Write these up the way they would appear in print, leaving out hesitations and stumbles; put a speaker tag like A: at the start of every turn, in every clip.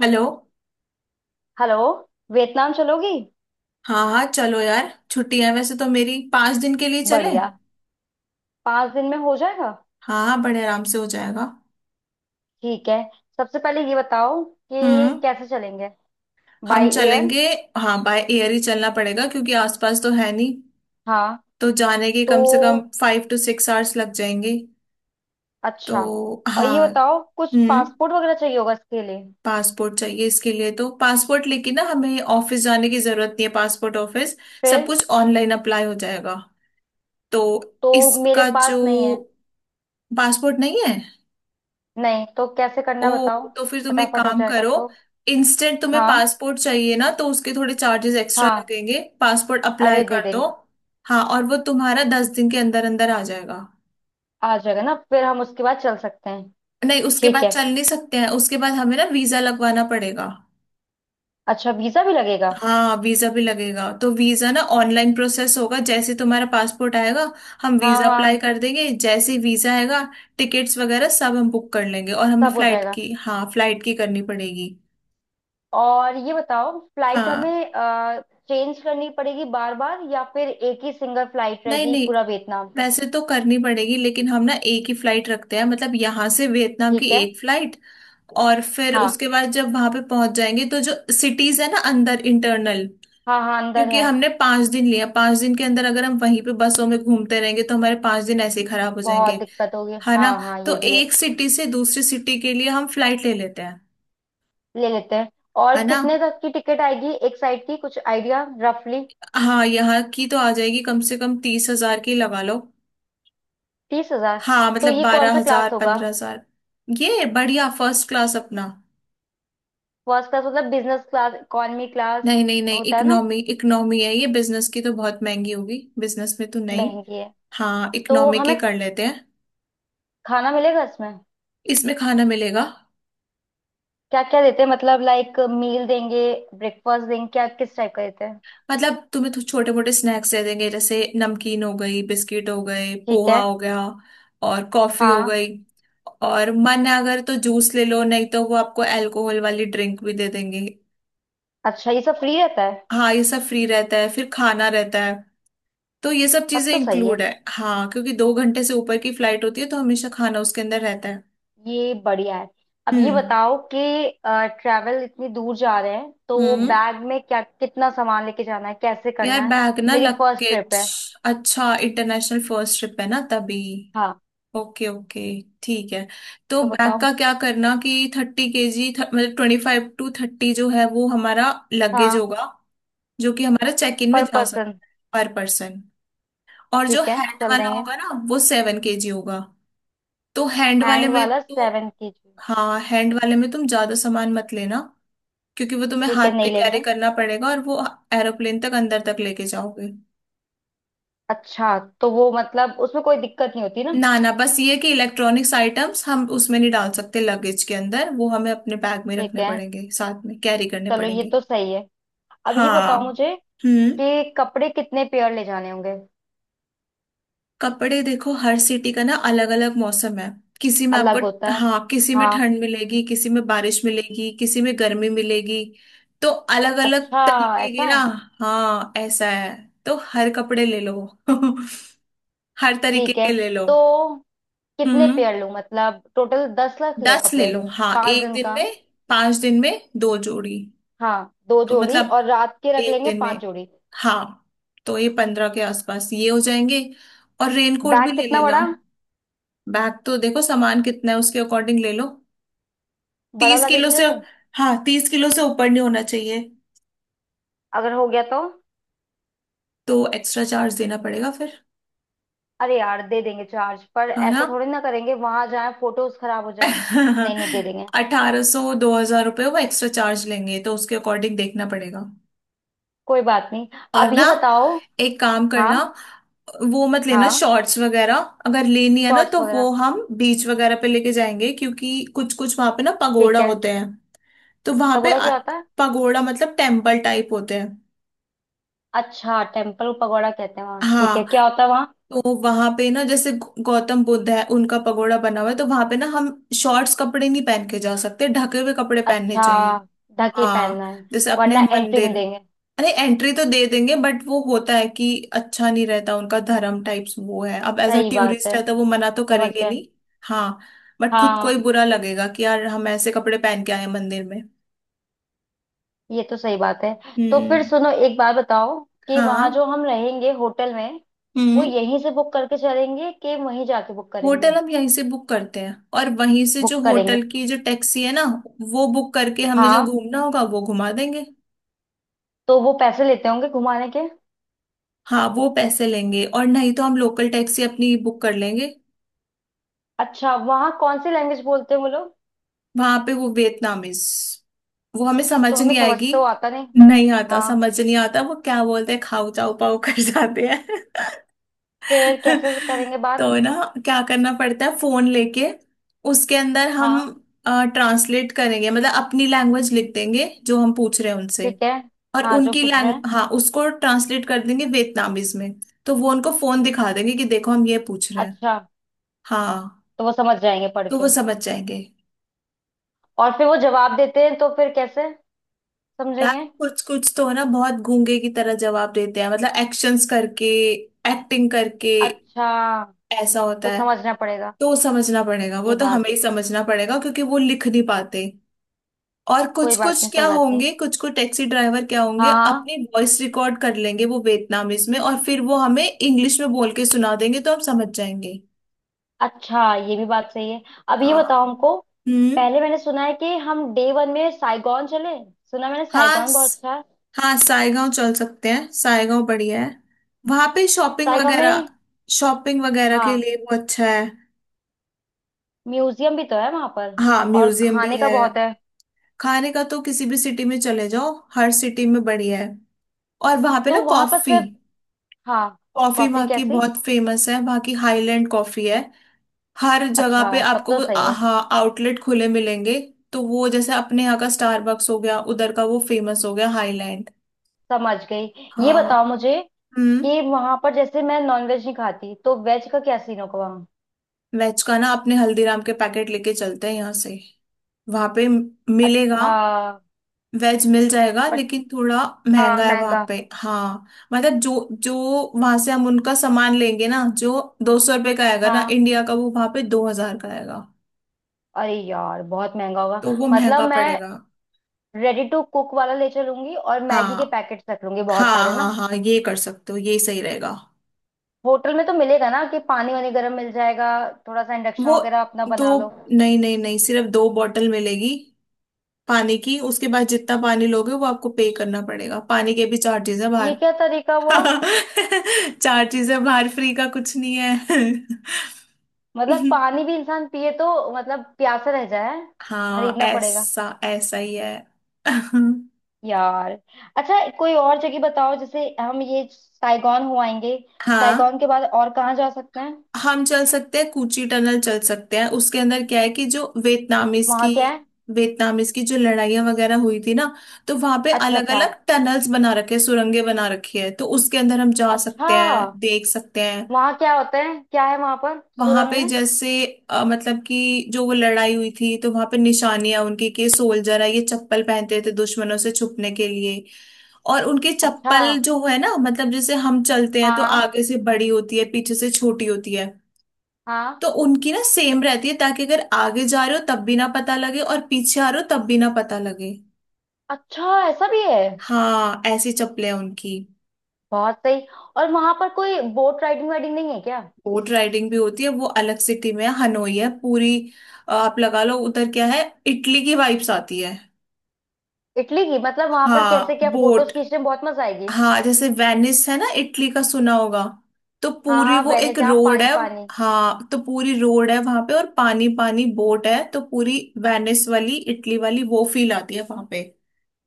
A: Hello.
B: Hello. Vietnam चलोगी।
A: हाँ हाँ, चलो यार, छुट्टी है वैसे तो मेरी। 5 दिन के लिए चले।
B: बढ़िया। 5 दिन में हो जाएगा?
A: हाँ हाँ, बड़े आराम से हो जाएगा।
B: ठीक है। सबसे पहले ये बताओ कि
A: हम्म।
B: कैसे चलेंगे। बाय
A: हम
B: एयर।
A: चलेंगे। हाँ, बाय एयर ही चलना पड़ेगा क्योंकि आसपास तो है नहीं।
B: हाँ।
A: तो जाने के
B: तो
A: कम से कम 5 to 6 आवर्स लग जाएंगे।
B: अच्छा।
A: तो
B: और ये
A: हाँ।
B: बताओ कुछ
A: हम्म।
B: पासपोर्ट वगैरह चाहिए होगा इसके लिए?
A: पासपोर्ट चाहिए इसके लिए, तो पासपोर्ट लेके ना हमें ऑफिस जाने की जरूरत नहीं है, पासपोर्ट ऑफिस। सब
B: फिर
A: कुछ ऑनलाइन अप्लाई हो जाएगा। तो
B: तो मेरे
A: इसका
B: पास
A: जो।
B: नहीं है।
A: पासपोर्ट नहीं है।
B: नहीं तो कैसे
A: ओ,
B: करना बताओ।
A: तो फिर तुम एक
B: फटाफट हो
A: काम
B: जाएगा
A: करो।
B: तो?
A: इंस्टेंट तुम्हें
B: हाँ
A: पासपोर्ट चाहिए ना, तो उसके थोड़े चार्जेस एक्स्ट्रा
B: हाँ,
A: लगेंगे। पासपोर्ट अप्लाई
B: अरे दे
A: कर दो।
B: देंगे।
A: हाँ, और वो तुम्हारा 10 दिन के अंदर अंदर आ जाएगा।
B: आ जाएगा ना, फिर हम उसके बाद चल सकते हैं?
A: नहीं, उसके
B: ठीक
A: बाद
B: है।
A: चल नहीं सकते हैं, उसके बाद हमें ना वीजा लगवाना पड़ेगा।
B: अच्छा वीजा भी लगेगा?
A: हाँ वीजा भी लगेगा, तो वीजा ना ऑनलाइन प्रोसेस होगा। जैसे तुम्हारा पासपोर्ट आएगा, हम
B: हाँ
A: वीजा अप्लाई
B: हाँ।
A: कर देंगे। जैसे ही वीजा आएगा, टिकट्स वगैरह सब हम बुक कर लेंगे और हमें
B: सब हो
A: फ्लाइट
B: जाएगा।
A: की, हाँ फ्लाइट की करनी पड़ेगी।
B: और ये बताओ फ्लाइट
A: हाँ।
B: हमें चेंज करनी पड़ेगी बार बार या फिर एक ही सिंगल फ्लाइट
A: नहीं
B: रहेगी
A: नहीं,
B: पूरा वियतनाम तक?
A: वैसे तो करनी पड़ेगी, लेकिन हम ना एक ही फ्लाइट रखते हैं, मतलब यहाँ से वियतनाम की
B: ठीक है।
A: एक फ्लाइट। और फिर
B: हाँ
A: उसके बाद जब वहां पे पहुंच जाएंगे तो जो सिटीज है ना अंदर, इंटरनल।
B: हाँ। हाँ अंदर
A: क्योंकि
B: है।
A: हमने 5 दिन लिया, 5 दिन के अंदर अगर हम वहीं पे बसों में घूमते रहेंगे तो हमारे 5 दिन ऐसे ही खराब हो
B: बहुत
A: जाएंगे।
B: दिक्कत होगी,
A: है
B: हाँ
A: ना।
B: हाँ,
A: तो
B: ये भी है।
A: एक सिटी से दूसरी सिटी के लिए हम फ्लाइट ले लेते हैं।
B: ले लेते हैं। और
A: है ना।
B: कितने तक की टिकट आएगी एक साइड की, कुछ आइडिया रफली?
A: हाँ, यहाँ की तो आ जाएगी, कम से कम 30,000 की लगा लो।
B: 30 हजार?
A: हाँ
B: तो
A: मतलब
B: ये कौन
A: बारह
B: सा क्लास
A: हजार
B: होगा?
A: 15,000। ये बढ़िया फर्स्ट क्लास अपना।
B: फर्स्ट क्लास मतलब बिजनेस क्लास इकोनॉमी क्लास
A: नहीं नहीं नहीं,
B: होता है ना।
A: इकोनॉमी, इकोनॉमी है ये। बिजनेस की तो बहुत महंगी होगी, बिजनेस में तो नहीं।
B: महंगी है।
A: हाँ,
B: तो
A: इकोनॉमी की
B: हमें
A: कर लेते हैं।
B: खाना मिलेगा इसमें?
A: इसमें खाना मिलेगा।
B: क्या क्या देते हैं, मतलब लाइक मील देंगे, ब्रेकफास्ट देंगे क्या, किस टाइप का देते हैं?
A: मतलब तुम्हें तो छोटे मोटे स्नैक्स दे देंगे, जैसे नमकीन हो गई, बिस्किट हो गए,
B: ठीक है।
A: पोहा हो गया। और कॉफी हो
B: हाँ।
A: गई। और मन है अगर तो जूस ले लो, नहीं तो वो आपको अल्कोहल वाली ड्रिंक भी दे देंगे।
B: अच्छा ये सब फ्री रहता है?
A: हाँ ये सब फ्री रहता है, फिर खाना रहता है। तो ये सब
B: तब
A: चीजें
B: तो सही है।
A: इंक्लूड है, हाँ। क्योंकि 2 घंटे से ऊपर की फ्लाइट होती है, तो हमेशा खाना उसके अंदर रहता है।
B: ये बढ़िया है। अब ये
A: हम्म।
B: बताओ कि ट्रैवल इतनी दूर जा रहे हैं तो
A: हम्म।
B: बैग में क्या कितना सामान लेके जाना है, कैसे
A: यार
B: करना है?
A: बैग ना,
B: मेरी फर्स्ट ट्रिप
A: लगेज।
B: है।
A: अच्छा, इंटरनेशनल फर्स्ट ट्रिप है ना, तभी।
B: हाँ,
A: ओके ओके, ठीक है। तो
B: तो
A: बैग
B: बताओ।
A: का क्या करना, कि 30 केजी, मतलब 25 to 30 जो है वो हमारा लगेज
B: हाँ।
A: होगा। जो कि हमारा चेक इन में
B: पर
A: जा
B: पर्सन?
A: सकता है पर पर्सन। और जो
B: ठीक है
A: हैंड
B: चल
A: वाला
B: देंगे।
A: होगा ना, वो 7 केजी होगा। तो हैंड वाले
B: हैंड
A: में
B: वाला
A: तो।
B: 7 केजी।
A: हाँ, हैंड वाले में तुम ज्यादा सामान मत लेना, क्योंकि वो तुम्हें
B: ठीक
A: हाथ
B: है
A: पे
B: नहीं
A: कैरी
B: लेंगे।
A: करना पड़ेगा, और वो एरोप्लेन तक अंदर तक लेके जाओगे।
B: अच्छा तो वो मतलब उसमें कोई दिक्कत नहीं होती ना?
A: ना ना, बस ये कि इलेक्ट्रॉनिक्स आइटम्स हम उसमें नहीं डाल सकते, लगेज के अंदर। वो हमें अपने बैग में
B: ठीक
A: रखने
B: है।
A: पड़ेंगे, साथ में कैरी करने
B: चलो ये
A: पड़ेंगे।
B: तो सही है। अब ये
A: हाँ।
B: बताओ मुझे
A: हम्म।
B: कि कपड़े कितने पेयर ले जाने होंगे।
A: कपड़े देखो, हर सिटी का ना अलग अलग मौसम है। किसी में आपको।
B: अलग होता है।
A: हाँ, किसी में
B: हाँ।
A: ठंड मिलेगी, किसी में बारिश मिलेगी, किसी में गर्मी मिलेगी। तो अलग अलग
B: अच्छा
A: तरीके
B: ऐसा
A: के ना।
B: है?
A: हाँ, ऐसा है। तो हर कपड़े ले लो। हर तरीके
B: ठीक है।
A: के ले लो।
B: तो कितने
A: हम्म।
B: पेयर लूं, मतलब टोटल 10 लाख लें
A: दस ले
B: कपड़े?
A: लो, हाँ
B: पांच
A: एक
B: दिन
A: दिन
B: का।
A: में। 5 दिन में 2 जोड़ी।
B: हाँ दो
A: तो
B: जोड़ी
A: मतलब
B: और रात के रख
A: एक
B: लेंगे
A: दिन
B: पांच
A: में,
B: जोड़ी
A: हाँ। तो ये 15 के आसपास ये हो जाएंगे। और रेनकोट भी
B: बैग
A: ले
B: कितना
A: लेना।
B: बड़ा?
A: बैग तो देखो सामान कितना है, उसके अकॉर्डिंग ले लो।
B: बड़ा
A: 30 किलो
B: लगेज ले
A: से।
B: लूं?
A: हाँ, 30 किलो से ऊपर नहीं होना चाहिए।
B: अगर हो गया तो?
A: तो एक्स्ट्रा चार्ज देना पड़ेगा फिर।
B: अरे यार दे देंगे चार्ज, पर
A: है ना।
B: ऐसा थोड़ी ना करेंगे वहां जाए फोटोज खराब हो जाए। नहीं नहीं दे देंगे।
A: 1,800, 2,000 रुपये वो एक्स्ट्रा चार्ज लेंगे, तो उसके अकॉर्डिंग देखना पड़ेगा।
B: कोई बात नहीं।
A: और
B: अब
A: ना,
B: ये बताओ।
A: एक काम करना,
B: हाँ।
A: वो मत लेना
B: हाँ
A: शॉर्ट्स वगैरह। अगर लेनी है ना,
B: शॉर्ट्स
A: तो वो
B: वगैरह।
A: हम बीच वगैरह पे लेके जाएंगे, क्योंकि कुछ कुछ वहां पे ना पगोड़ा
B: ठीक है।
A: होते हैं। तो वहां पे
B: तबोड़ा क्या होता है?
A: पगोड़ा मतलब टेम्पल टाइप होते हैं।
B: अच्छा टेम्पल पगोड़ा कहते हैं वहाँ, ठीक है,
A: हाँ,
B: क्या होता है?
A: तो वहां पे ना, जैसे गौतम बुद्ध है, उनका पगोड़ा बना हुआ है, तो वहां पे ना हम शॉर्ट्स कपड़े नहीं पहन के जा सकते, ढके हुए कपड़े पहनने
B: अच्छा
A: चाहिए।
B: ढक ही
A: हाँ,
B: पहनना है?
A: जैसे अपने
B: वरना
A: हम
B: एंट्री नहीं
A: मंदिर।
B: देंगे?
A: अरे एंट्री तो दे देंगे, बट वो होता है कि अच्छा नहीं रहता, उनका धर्म टाइप्स वो है। अब एज अ
B: सही बात
A: टूरिस्ट
B: है।
A: है तो वो मना तो
B: समझ
A: करेंगे
B: गए।
A: नहीं। हाँ, बट खुद को ही
B: हाँ।
A: बुरा लगेगा कि यार हम ऐसे कपड़े पहन के आए हैं मंदिर में।
B: ये तो सही बात है। तो फिर
A: हम्म।
B: सुनो एक बात बताओ कि वहां
A: हाँ।
B: जो हम रहेंगे होटल में, वो
A: हम्म।
B: यहीं से बुक करके चलेंगे कि वहीं जाके बुक करेंगे?
A: होटल हम यहीं से बुक करते हैं, और वहीं से
B: बुक
A: जो
B: करेंगे।
A: होटल की जो टैक्सी है ना, वो बुक करके हमें जो
B: हाँ,
A: घूमना होगा वो घुमा देंगे।
B: तो वो पैसे लेते होंगे घुमाने के?
A: हाँ, वो पैसे लेंगे, और नहीं तो हम लोकल टैक्सी अपनी बुक कर लेंगे।
B: अच्छा वहाँ कौन सी लैंग्वेज बोलते हैं वो लोग?
A: वहां पे वो वियतनामीज। वो हमें समझ
B: तो हमें
A: नहीं
B: समझ
A: आएगी।
B: तो आता नहीं।
A: नहीं आता,
B: हाँ।
A: समझ नहीं आता वो क्या बोलते हैं, खाऊ जाऊ पाऊ कर जाते हैं।
B: फिर कैसे करेंगे बात?
A: तो ना, क्या करना पड़ता है, फोन लेके उसके अंदर हम
B: हाँ।
A: ट्रांसलेट करेंगे, मतलब अपनी लैंग्वेज लिख देंगे जो हम पूछ रहे हैं उनसे।
B: ठीक है।
A: और
B: हाँ जो
A: उनकी
B: पूछ रहे
A: लैंग,
B: हैं।
A: हाँ उसको ट्रांसलेट कर देंगे वियतनामीज में। तो वो उनको फोन दिखा देंगे कि देखो हम ये पूछ रहे हैं।
B: अच्छा।
A: हाँ,
B: तो वो समझ जाएंगे पढ़
A: तो वो
B: के?
A: समझ जाएंगे।
B: और फिर वो जवाब देते हैं तो फिर कैसे
A: यार
B: समझेंगे?
A: कुछ कुछ तो है ना, बहुत गूंगे की तरह जवाब देते हैं, मतलब एक्शंस करके, एक्टिंग करके।
B: अच्छा।
A: ऐसा होता
B: तो
A: है।
B: समझना पड़ेगा?
A: तो समझना पड़ेगा, वो
B: ये
A: तो
B: बात।
A: हमें ही समझना पड़ेगा, क्योंकि वो लिख नहीं पाते। और कुछ
B: कोई बात
A: कुछ
B: नहीं कोई
A: क्या
B: बात नहीं।
A: होंगे, कुछ कुछ टैक्सी ड्राइवर क्या होंगे,
B: हाँ हाँ।
A: अपनी वॉइस रिकॉर्ड कर लेंगे वो वियतनामीज में, और फिर वो हमें इंग्लिश में बोल के सुना देंगे, तो हम समझ जाएंगे।
B: अच्छा ये भी बात सही है। अब ये
A: हाँ।
B: बताओ हमको,
A: हम्म।
B: पहले मैंने सुना है कि हम डे वन में साइगॉन चले। सुना मैंने
A: हाँ
B: साइगॉन बहुत अच्छा है।
A: हाँ, सायगांव चल सकते हैं, सायगांव बढ़िया है। वहां पे शॉपिंग
B: साइगॉन
A: वगैरह,
B: में?
A: शॉपिंग वगैरह के
B: हाँ
A: लिए वो अच्छा है।
B: म्यूजियम भी तो है वहां पर।
A: हाँ
B: और
A: म्यूजियम भी
B: खाने का
A: है।
B: बहुत है।
A: खाने का तो किसी भी सिटी में चले जाओ, हर सिटी में बढ़िया है। और वहां पे
B: तो
A: ना
B: वहां पर
A: कॉफी,
B: सिर्फ। हाँ।
A: कॉफी
B: कॉफी
A: वहाँ की
B: कैसी?
A: बहुत फेमस है, वहाँ की हाईलैंड कॉफी है। हर जगह
B: अच्छा
A: पे
B: तब
A: आपको
B: तो
A: वो
B: सही है।
A: हाँ आउटलेट खुले मिलेंगे। तो वो जैसे अपने यहाँ का स्टारबक्स हो गया, उधर का वो फेमस हो गया हाईलैंड।
B: समझ गई। ये
A: हाँ।
B: बताओ मुझे
A: हम्म।
B: कि वहां पर जैसे मैं नॉनवेज नहीं खाती तो वेज का क्या सीन होगा वहाँ?
A: वेज का ना अपने हल्दीराम के पैकेट लेके चलते हैं यहाँ से। वहां पे मिलेगा,
B: अच्छा।
A: वेज मिल जाएगा,
B: बट।
A: लेकिन थोड़ा
B: हाँ
A: महंगा है वहां
B: महंगा।
A: पे, हाँ। मतलब जो जो वहां से हम उनका सामान लेंगे ना, जो 200 रुपये का आएगा ना
B: हाँ
A: इंडिया का, वो वहां पे 2,000 का आएगा।
B: अरे यार बहुत महंगा होगा।
A: तो वो
B: मतलब
A: महंगा
B: मैं
A: पड़ेगा।
B: रेडी टू कुक वाला ले चलूंगी और मैगी के
A: हाँ
B: पैकेट्स रख लूंगी बहुत सारे
A: हाँ हाँ
B: ना।
A: हाँ, ये कर सकते हो, ये सही रहेगा।
B: होटल में तो मिलेगा ना कि पानी वानी गर्म मिल जाएगा, थोड़ा सा इंडक्शन
A: वो
B: वगैरह अपना
A: दो,
B: बना लो।
A: नहीं नहीं नहीं, सिर्फ 2 बॉटल मिलेगी पानी की। उसके बाद जितना पानी लोगे वो आपको पे करना पड़ेगा, पानी के भी चार्जेस है
B: ये
A: बाहर।
B: क्या तरीका हुआ?
A: चार चीजें, बाहर फ्री का कुछ नहीं है।
B: मतलब पानी भी इंसान पिए तो मतलब प्यासा रह जाए?
A: हाँ
B: खरीदना पड़ेगा
A: ऐसा ऐसा ही है।
B: यार। अच्छा कोई और जगह बताओ जैसे हम ये साइगॉन हो आएंगे,
A: हाँ,
B: साइगॉन के बाद और कहाँ जा सकते हैं?
A: हम चल सकते हैं, कूची टनल चल सकते हैं। उसके अंदर क्या है, कि जो वियतनामीज
B: वहाँ
A: की,
B: क्या है?
A: वियतनामीज की जो लड़ाइयाँ वगैरह हुई थी ना, तो वहां पे
B: अच्छा
A: अलग
B: अच्छा।
A: अलग टनल्स बना रखे हैं, सुरंगें बना रखी है, तो उसके अंदर हम जा
B: अच्छा।
A: सकते हैं, देख सकते हैं।
B: वहाँ क्या होता है, क्या है वहाँ पर
A: वहां
B: सुरंग
A: पे
B: में?
A: जैसे मतलब कि, जो वो लड़ाई हुई थी, तो वहां पे निशानियां उनकी, कि सोल्जर है, ये चप्पल पहनते थे दुश्मनों से छुपने के लिए। और उनके
B: अच्छा।
A: चप्पल जो है ना, मतलब जैसे हम चलते हैं
B: हाँ
A: तो
B: हाँ।
A: आगे से बड़ी होती है, पीछे से छोटी होती है।
B: हाँ।
A: तो उनकी ना सेम रहती है, ताकि अगर आगे जा रहे हो तब भी ना पता लगे, और पीछे आ रहे हो तब भी ना पता लगे।
B: अच्छा ऐसा भी है?
A: हाँ ऐसी चप्पलें हैं उनकी।
B: बहुत सही। और वहाँ पर कोई बोट राइडिंग वाइडिंग नहीं है क्या?
A: बोट राइडिंग भी होती है, वो अलग सिटी में है, हनोई है पूरी। आप लगा लो, उधर क्या है, इटली की वाइब्स आती है।
B: इटली की? मतलब वहाँ पर कैसे,
A: हाँ
B: क्या
A: बोट।
B: फोटोज खींचने में बहुत मजा आएगी?
A: हाँ, जैसे वेनिस है ना इटली का, सुना होगा। तो
B: हाँ
A: पूरी
B: हाँ
A: वो
B: वेनिस
A: एक
B: जहाँ
A: रोड
B: पानी
A: है।
B: पानी।
A: हाँ, तो पूरी रोड है वहां पे और पानी, पानी बोट है, तो पूरी वेनिस वाली, इटली वाली वो फील आती है वहां पे।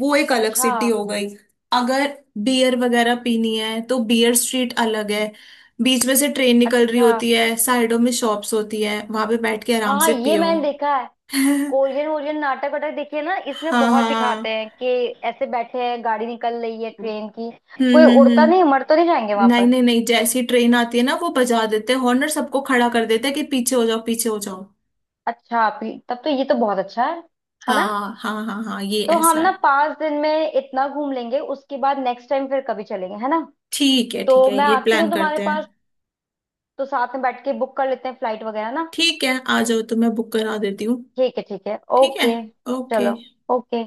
A: वो एक अलग
B: अच्छा।
A: सिटी हो गई। अगर बियर वगैरह पीनी है, तो बियर स्ट्रीट अलग है। बीच में से ट्रेन निकल रही
B: अच्छा
A: होती है, साइडों में शॉप्स होती है, वहां पे बैठ के
B: हाँ
A: आराम
B: हाँ
A: से
B: ये
A: पियो।
B: मैंने देखा। कोरियन वोरियन नाटक वाटक देखिए ना, इसमें
A: हाँ
B: बहुत दिखाते
A: हाँ।
B: हैं कि ऐसे बैठे हैं गाड़ी निकल रही है ट्रेन की।
A: हम्म।
B: कोई
A: हम्म।
B: उड़ता नहीं,
A: हम्म।
B: मर तो नहीं जाएंगे वहां
A: नहीं
B: पर?
A: नहीं नहीं, जैसी ट्रेन आती है ना, वो बजा देते हैं हॉर्न, और सबको खड़ा कर देते हैं कि पीछे हो जाओ, पीछे हो जाओ।
B: अच्छा तब तो ये तो बहुत अच्छा है। है ना?
A: हाँ हाँ हाँ हाँ, ये
B: तो हम
A: ऐसा
B: ना
A: है।
B: 5 दिन में इतना घूम लेंगे, उसके बाद नेक्स्ट टाइम फिर कभी चलेंगे, है ना?
A: ठीक है,
B: तो
A: ठीक है,
B: मैं
A: ये
B: आती हूँ
A: प्लान
B: तुम्हारे
A: करते हैं।
B: पास, तो साथ में बैठ के बुक कर लेते हैं फ्लाइट वगैरह ना।
A: ठीक है, आ जाओ तो मैं बुक करा देती हूँ।
B: ठीक है
A: ठीक है,
B: ओके।
A: ओके।
B: चलो। ओके।